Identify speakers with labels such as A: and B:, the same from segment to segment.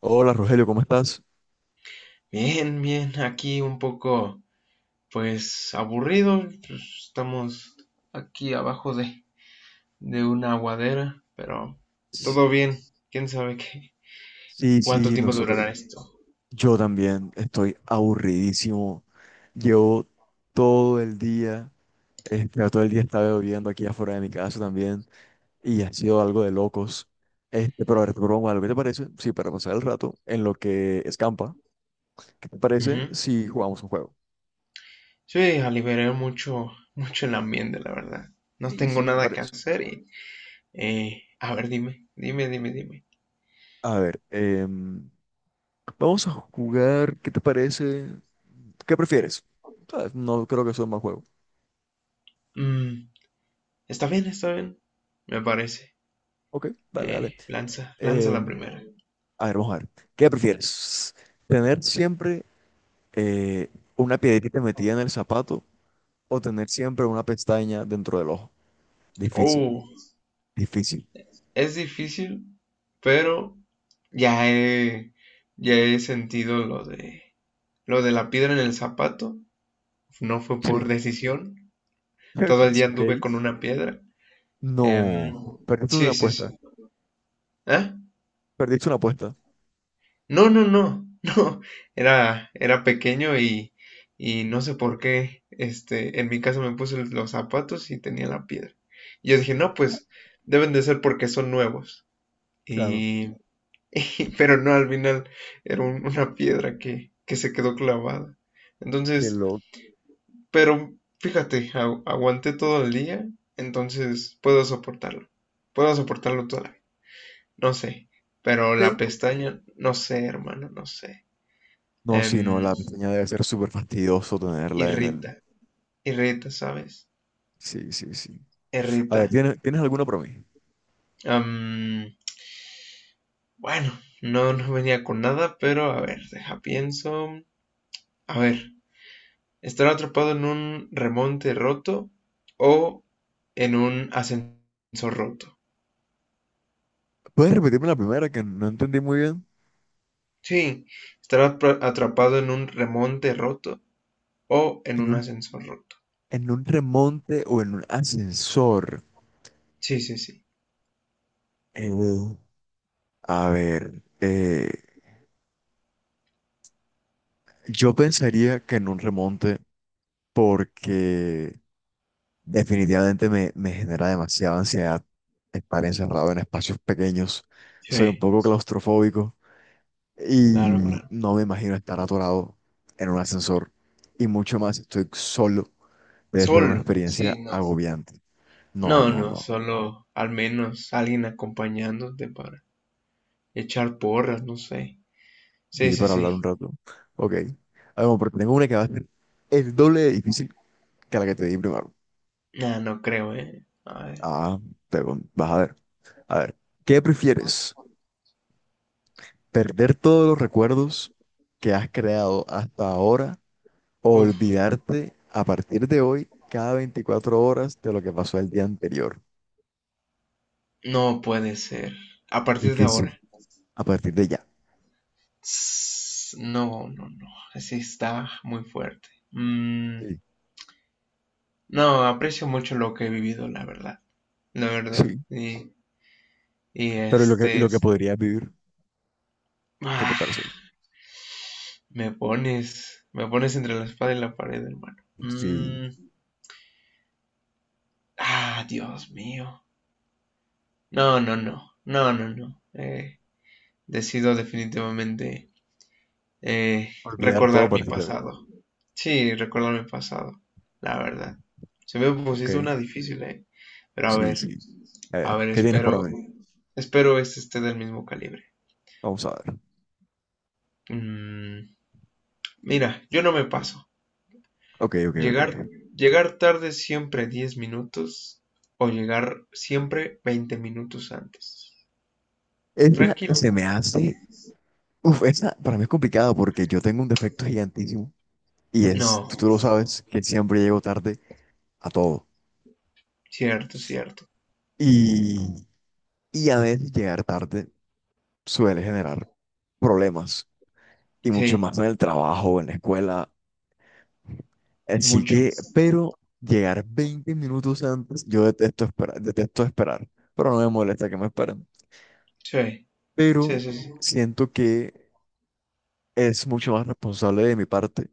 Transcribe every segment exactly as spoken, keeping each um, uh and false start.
A: Hola Rogelio, ¿cómo estás?
B: Bien, bien, aquí un poco, pues aburrido, pues, estamos aquí abajo de, de una aguadera, pero
A: S-
B: todo bien, quién sabe qué,
A: Sí,
B: cuánto
A: sí,
B: tiempo
A: nosotros,
B: durará esto.
A: yo también estoy aburridísimo. Llevo todo el día, este, todo el día estaba lloviendo aquí afuera de mi casa también y ha sido algo de locos. Este, pero a ver, te propongo algo, ¿qué te parece? Sí, para pasar el rato en lo que escampa, ¿qué te parece
B: Ujú.
A: si jugamos un juego?
B: Sí, aliviaré mucho, mucho el ambiente, la verdad. No
A: Sí,
B: tengo
A: sí, me
B: nada que
A: parece.
B: hacer y, eh, a ver, dime, dime, dime, dime.
A: A ver, em, vamos a jugar, ¿qué te parece? ¿Qué prefieres? Ah, No creo que sea un mal juego.
B: Mm, está bien, está bien, me parece.
A: Ok, dale, dale.
B: Eh, lanza, lanza la
A: Em,
B: primera.
A: A ver, vamos a ver. ¿Qué prefieres? ¿Tener siempre eh, una piedrita metida en el zapato o tener siempre una pestaña dentro del ojo? Difícil,
B: Oh,
A: difícil.
B: es difícil, pero ya he, ya he sentido lo de, lo de la piedra en el zapato. No fue por
A: Sí.
B: decisión. Todo el día anduve
A: Ok.
B: con una piedra. Em,
A: No, perdiste una
B: sí, sí,
A: apuesta.
B: sí. ¿Ah?
A: Perdiste una apuesta.
B: No, no, no, no. Era, era pequeño y, y no sé por qué. Este, en mi casa me puse los zapatos y tenía la piedra. Y yo dije, no, pues deben de ser porque son nuevos.
A: Claro.
B: Y pero no, al final era un- una piedra que, que se quedó clavada.
A: Qué
B: Entonces,
A: loco.
B: pero fíjate, agu- aguanté todo el día, entonces puedo soportarlo. Puedo soportarlo toda la vida. No sé, pero
A: Ok.
B: la pestaña, no sé, hermano, no sé.
A: No, sí, no,
B: Em,
A: la pestaña debe ser súper fastidioso tenerla en el...
B: irrita, irrita, ¿sabes?
A: Sí, sí, sí. A
B: Irrita.
A: ver, ¿tienes, ¿tienes alguna para mí?
B: Am, bueno, no, no venía con nada, pero a ver, deja pienso. A ver. Estar atrapado en un remonte roto o en un ascensor roto.
A: ¿Puedes repetirme la primera que no entendí muy bien?
B: Sí, estar atrapado en un remonte roto o en
A: En
B: un
A: un,
B: ascensor roto.
A: en un remonte o en un ascensor.
B: Sí, sí, sí.
A: Eh, A ver, eh, yo pensaría que en un remonte porque definitivamente me, me genera demasiada ansiedad estar encerrado en espacios pequeños. Soy un
B: Sí,
A: poco claustrofóbico
B: claro,
A: y
B: claro.
A: no me imagino estar atorado en un ascensor. Y mucho más si estoy solo. Debe ser una
B: Solo.
A: experiencia
B: Sí, no.
A: agobiante. No,
B: No,
A: no,
B: no,
A: no.
B: solo al menos alguien acompañándote para echar porras, no sé. Sí,
A: Y
B: sí,
A: para hablar un
B: sí.
A: rato. Ok. Ah, bueno, pero tengo una que va a ser el doble de difícil que la que te di primero.
B: Nah, no creo, eh. A ver.
A: Ah, te, vas a ver. A ver, ¿qué prefieres? ¿Perder todos los recuerdos que has creado hasta ahora o
B: Uf,
A: olvidarte a partir de hoy cada veinticuatro horas de lo que pasó el día anterior?
B: no puede ser. A partir de
A: Difícil.
B: ahora.
A: A partir de ya.
B: No, no, no, así está muy fuerte. Mm,
A: Sí.
B: no, aprecio mucho lo que he vivido, la verdad, la verdad.
A: Sí.
B: Y, y
A: Pero ¿y lo que, y
B: este,
A: lo que podrías vivir? ¿Qué te
B: ah,
A: parece eso?
B: me pones, me pones entre la espada y la pared, hermano.
A: Sí.
B: Mm, ah, Dios mío. No, no, no, no, no, no. Eh, decido definitivamente eh,
A: Olvidar todo a
B: recordar mi
A: partir de hoy.
B: pasado. Sí, recordar mi pasado, la verdad. Se me
A: Ok.
B: pusiste una difícil, eh. Pero a
A: Sí,
B: ver.
A: sí. A
B: A
A: ver,
B: ver,
A: ¿qué tienes para
B: espero,
A: mí?
B: espero este esté del mismo calibre.
A: Vamos a ver.
B: Mm, mira, yo no me paso.
A: Ok, ok, ok.
B: Llegar, llegar tarde siempre diez minutos o llegar siempre veinte minutos antes.
A: Esa
B: Tranquilo.
A: se me hace... Uf, esa para mí es complicada porque yo tengo un defecto gigantísimo y es,
B: No,
A: tú, tú lo sabes, que siempre llego tarde a todo.
B: cierto, cierto.
A: Y, y a veces llegar tarde suele generar problemas, y mucho
B: Sí,
A: más en el trabajo, en la escuela. Así
B: mucho.
A: que, pero llegar veinte minutos antes, yo detesto esperar, detesto esperar, pero no me molesta que me esperen.
B: Sí, sí,
A: Pero
B: sí. Sí.
A: siento que es mucho más responsable de mi parte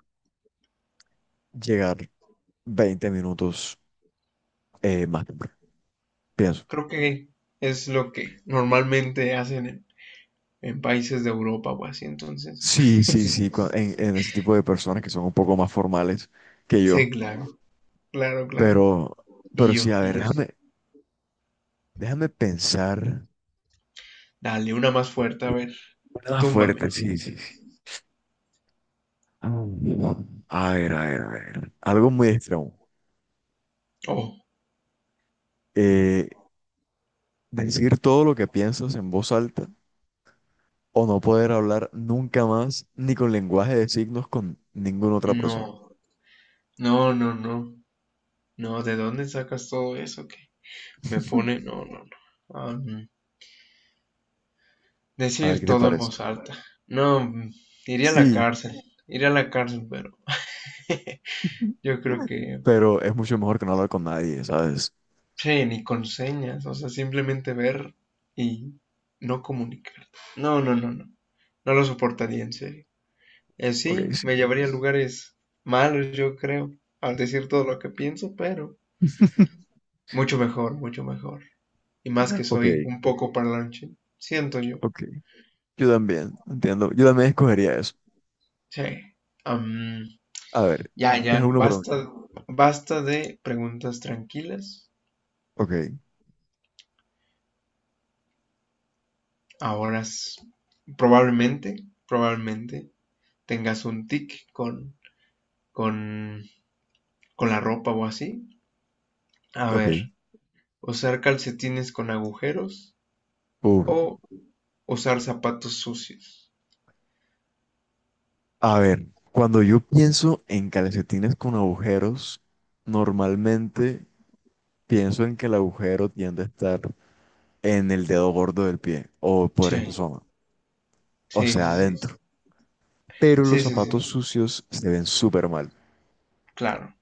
A: llegar veinte minutos eh, más temprano, pienso.
B: Creo que es lo que normalmente hacen en, en países de Europa o así, entonces.
A: Sí, sí, sí, cua- en, en ese tipo de personas que son un poco más formales que
B: Sí,
A: yo.
B: claro, claro, claro.
A: Pero, pero
B: Y
A: sí,
B: yo,
A: a ver,
B: y yo.
A: déjame, déjame pensar.
B: Dale, una más fuerte, a ver.
A: Una más
B: Túmbame.
A: fuerte, sí, sí, sí. Ah, A ver, a ver, a ver. Algo muy extremo.
B: Oh,
A: Eh, Decir todo lo que piensas en voz alta o no poder hablar nunca más ni con lenguaje de signos con ninguna otra persona.
B: no, no, no, no, no, ¿de dónde sacas todo eso que me pone? No, no, no. Am,
A: A ver,
B: decir
A: ¿qué te
B: todo en
A: parece?
B: voz alta. No, mm, iría a la
A: Sí,
B: cárcel, iría a la cárcel, pero yo creo que,
A: pero es mucho mejor que no hablar con nadie, ¿sabes?
B: sí, ni con señas, o sea, simplemente ver y no comunicar. No, no, no, no, no lo soportaría en serio. Y
A: Ok,
B: así
A: sí.
B: me llevaría a lugares malos, yo creo, al decir todo lo que pienso, pero mucho mejor, mucho mejor. Y más que
A: Ok,
B: soy un poco parlanchín, siento yo.
A: ok. Yo también, entiendo. Yo también escogería eso.
B: Sí. Am,
A: A ver,
B: ya,
A: ¿tienes
B: ya,
A: alguno para mí?
B: basta, basta de preguntas tranquilas.
A: Ok,
B: Ahora s- probablemente, probablemente tengas un tic con, con, con la ropa o así. A
A: ok.
B: ver, usar calcetines con agujeros
A: Uf.
B: o usar zapatos sucios.
A: A ver, cuando yo pienso en calcetines con agujeros, normalmente pienso en que el agujero tiende a estar en el dedo gordo del pie o por esa
B: Sí,
A: zona, o
B: sí,
A: sea,
B: sí, sí.
A: adentro. Pero los
B: Sí, sí,
A: zapatos
B: sí.
A: sucios se ven súper mal.
B: Claro,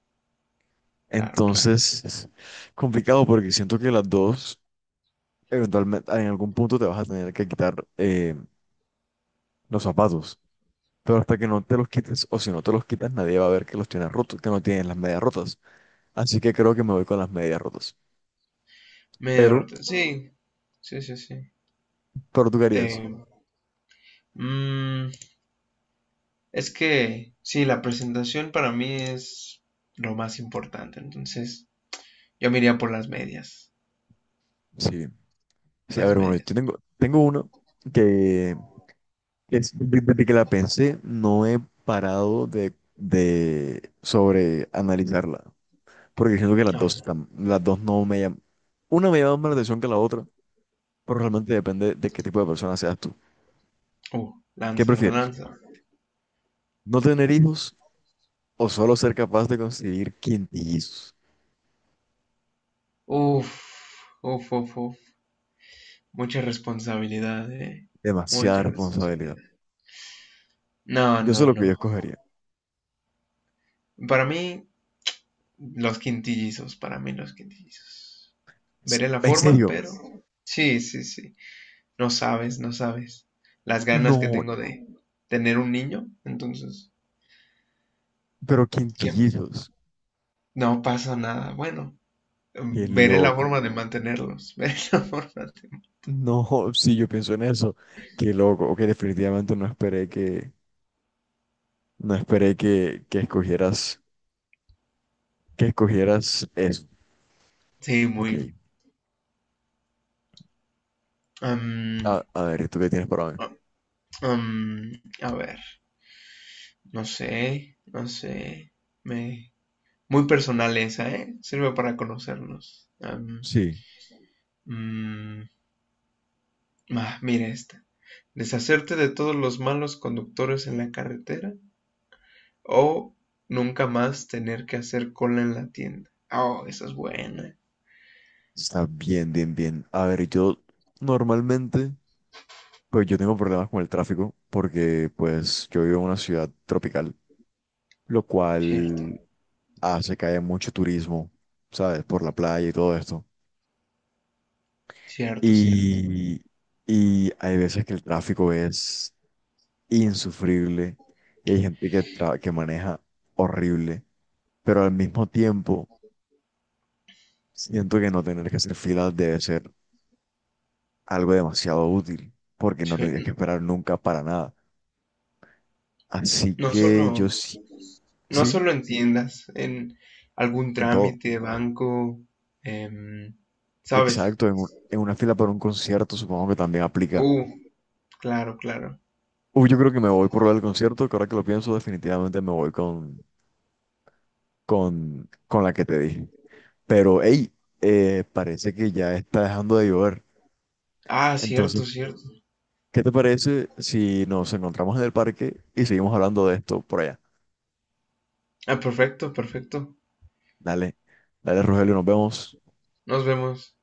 B: claro, claro.
A: Entonces, es complicado porque siento que las dos, eventualmente, en algún punto te vas a tener que quitar eh, los zapatos. Pero hasta que no te los quites, o si no te los quitas, nadie va a ver que los tienes rotos, que no tienes las medias rotas. Así que creo que me voy con las medias rotas.
B: Medio
A: Pero,
B: roto. Sí, sí, sí, sí.
A: pero tú qué
B: Te,
A: harías.
B: mm, es que sí, la presentación para mí es lo más importante. Entonces, yo me iría por las medias.
A: Sí, sí, a
B: Las
A: ver, bueno, yo
B: medias.
A: tengo, tengo una que es, de- desde que la pensé, no he parado de, de sobre analizarla. Porque siento que las
B: Ah,
A: dos están, las dos no me llaman. Una me llama más la atención que la otra, pero realmente depende de qué tipo de persona seas tú.
B: uh,
A: ¿Qué
B: lanza,
A: prefieres?
B: lanza.
A: ¿No tener hijos o solo ser capaz de conseguir quintillizos?
B: Uf, uf, uf, uf. Mucha responsabilidad, eh.
A: Demasiada
B: Mucha
A: responsabilidad.
B: responsabilidad. No,
A: Yo sé
B: no,
A: lo que yo
B: no.
A: escogería.
B: Para mí, los quintillizos. Para mí, los quintillizos.
A: S-
B: Veré la
A: En
B: forma,
A: serio,
B: pero. Sí, sí, sí. No sabes, no sabes. Las ganas que
A: no,
B: tengo de tener un niño. Entonces.
A: pero
B: Que
A: quinquillos.
B: no pasa nada. Bueno,
A: Qué
B: em, veré la
A: loco.
B: forma de mantenerlos. Veré la forma de...
A: No, sí, yo pienso en eso. Qué loco. Ok, definitivamente no esperé que, no esperé que, que escogieras, que escogieras eso.
B: Sí,
A: Ok,
B: muy... um,
A: a, a ver, ¿tú qué tienes para mí?
B: um, a ver, no sé, no sé. Me... Muy personal esa, ¿eh? Sirve para conocernos. Um,
A: Sí,
B: um, ah, mira esta. Deshacerte de todos los malos conductores en la carretera o nunca más tener que hacer cola en la tienda. Oh, esa es buena.
A: está bien, bien, bien. A ver, yo normalmente, pues yo tengo problemas con el tráfico porque pues yo vivo en una ciudad tropical, lo cual
B: Cierto,
A: hace que haya mucho turismo, ¿sabes? Por la playa y todo esto.
B: cierto, cierto.
A: Y, y hay veces que el tráfico es insufrible y hay gente que, tra- que maneja horrible, pero al mismo tiempo siento que no tener que hacer filas debe ser algo demasiado útil, porque no tendrías que
B: Sí.
A: esperar nunca para nada. Así
B: No
A: que
B: solo,
A: yo sí,
B: no
A: sí,
B: solo en tiendas, en algún
A: en todo.
B: trámite de banco, em, ¿sabes?
A: Exacto, en, un- en una fila para un concierto supongo que también aplica.
B: Uh, claro, claro.
A: Uy, yo creo que me voy por lo del concierto, que ahora que lo pienso, definitivamente me voy con, con, con la que te dije. Pero, hey, eh, parece que ya está dejando de llover.
B: Ah,
A: Entonces,
B: cierto, cierto.
A: ¿qué te parece si nos encontramos en el parque y seguimos hablando de esto por allá?
B: Ah, perfecto, perfecto.
A: Dale, dale, Rogelio, nos vemos.
B: Nos vemos.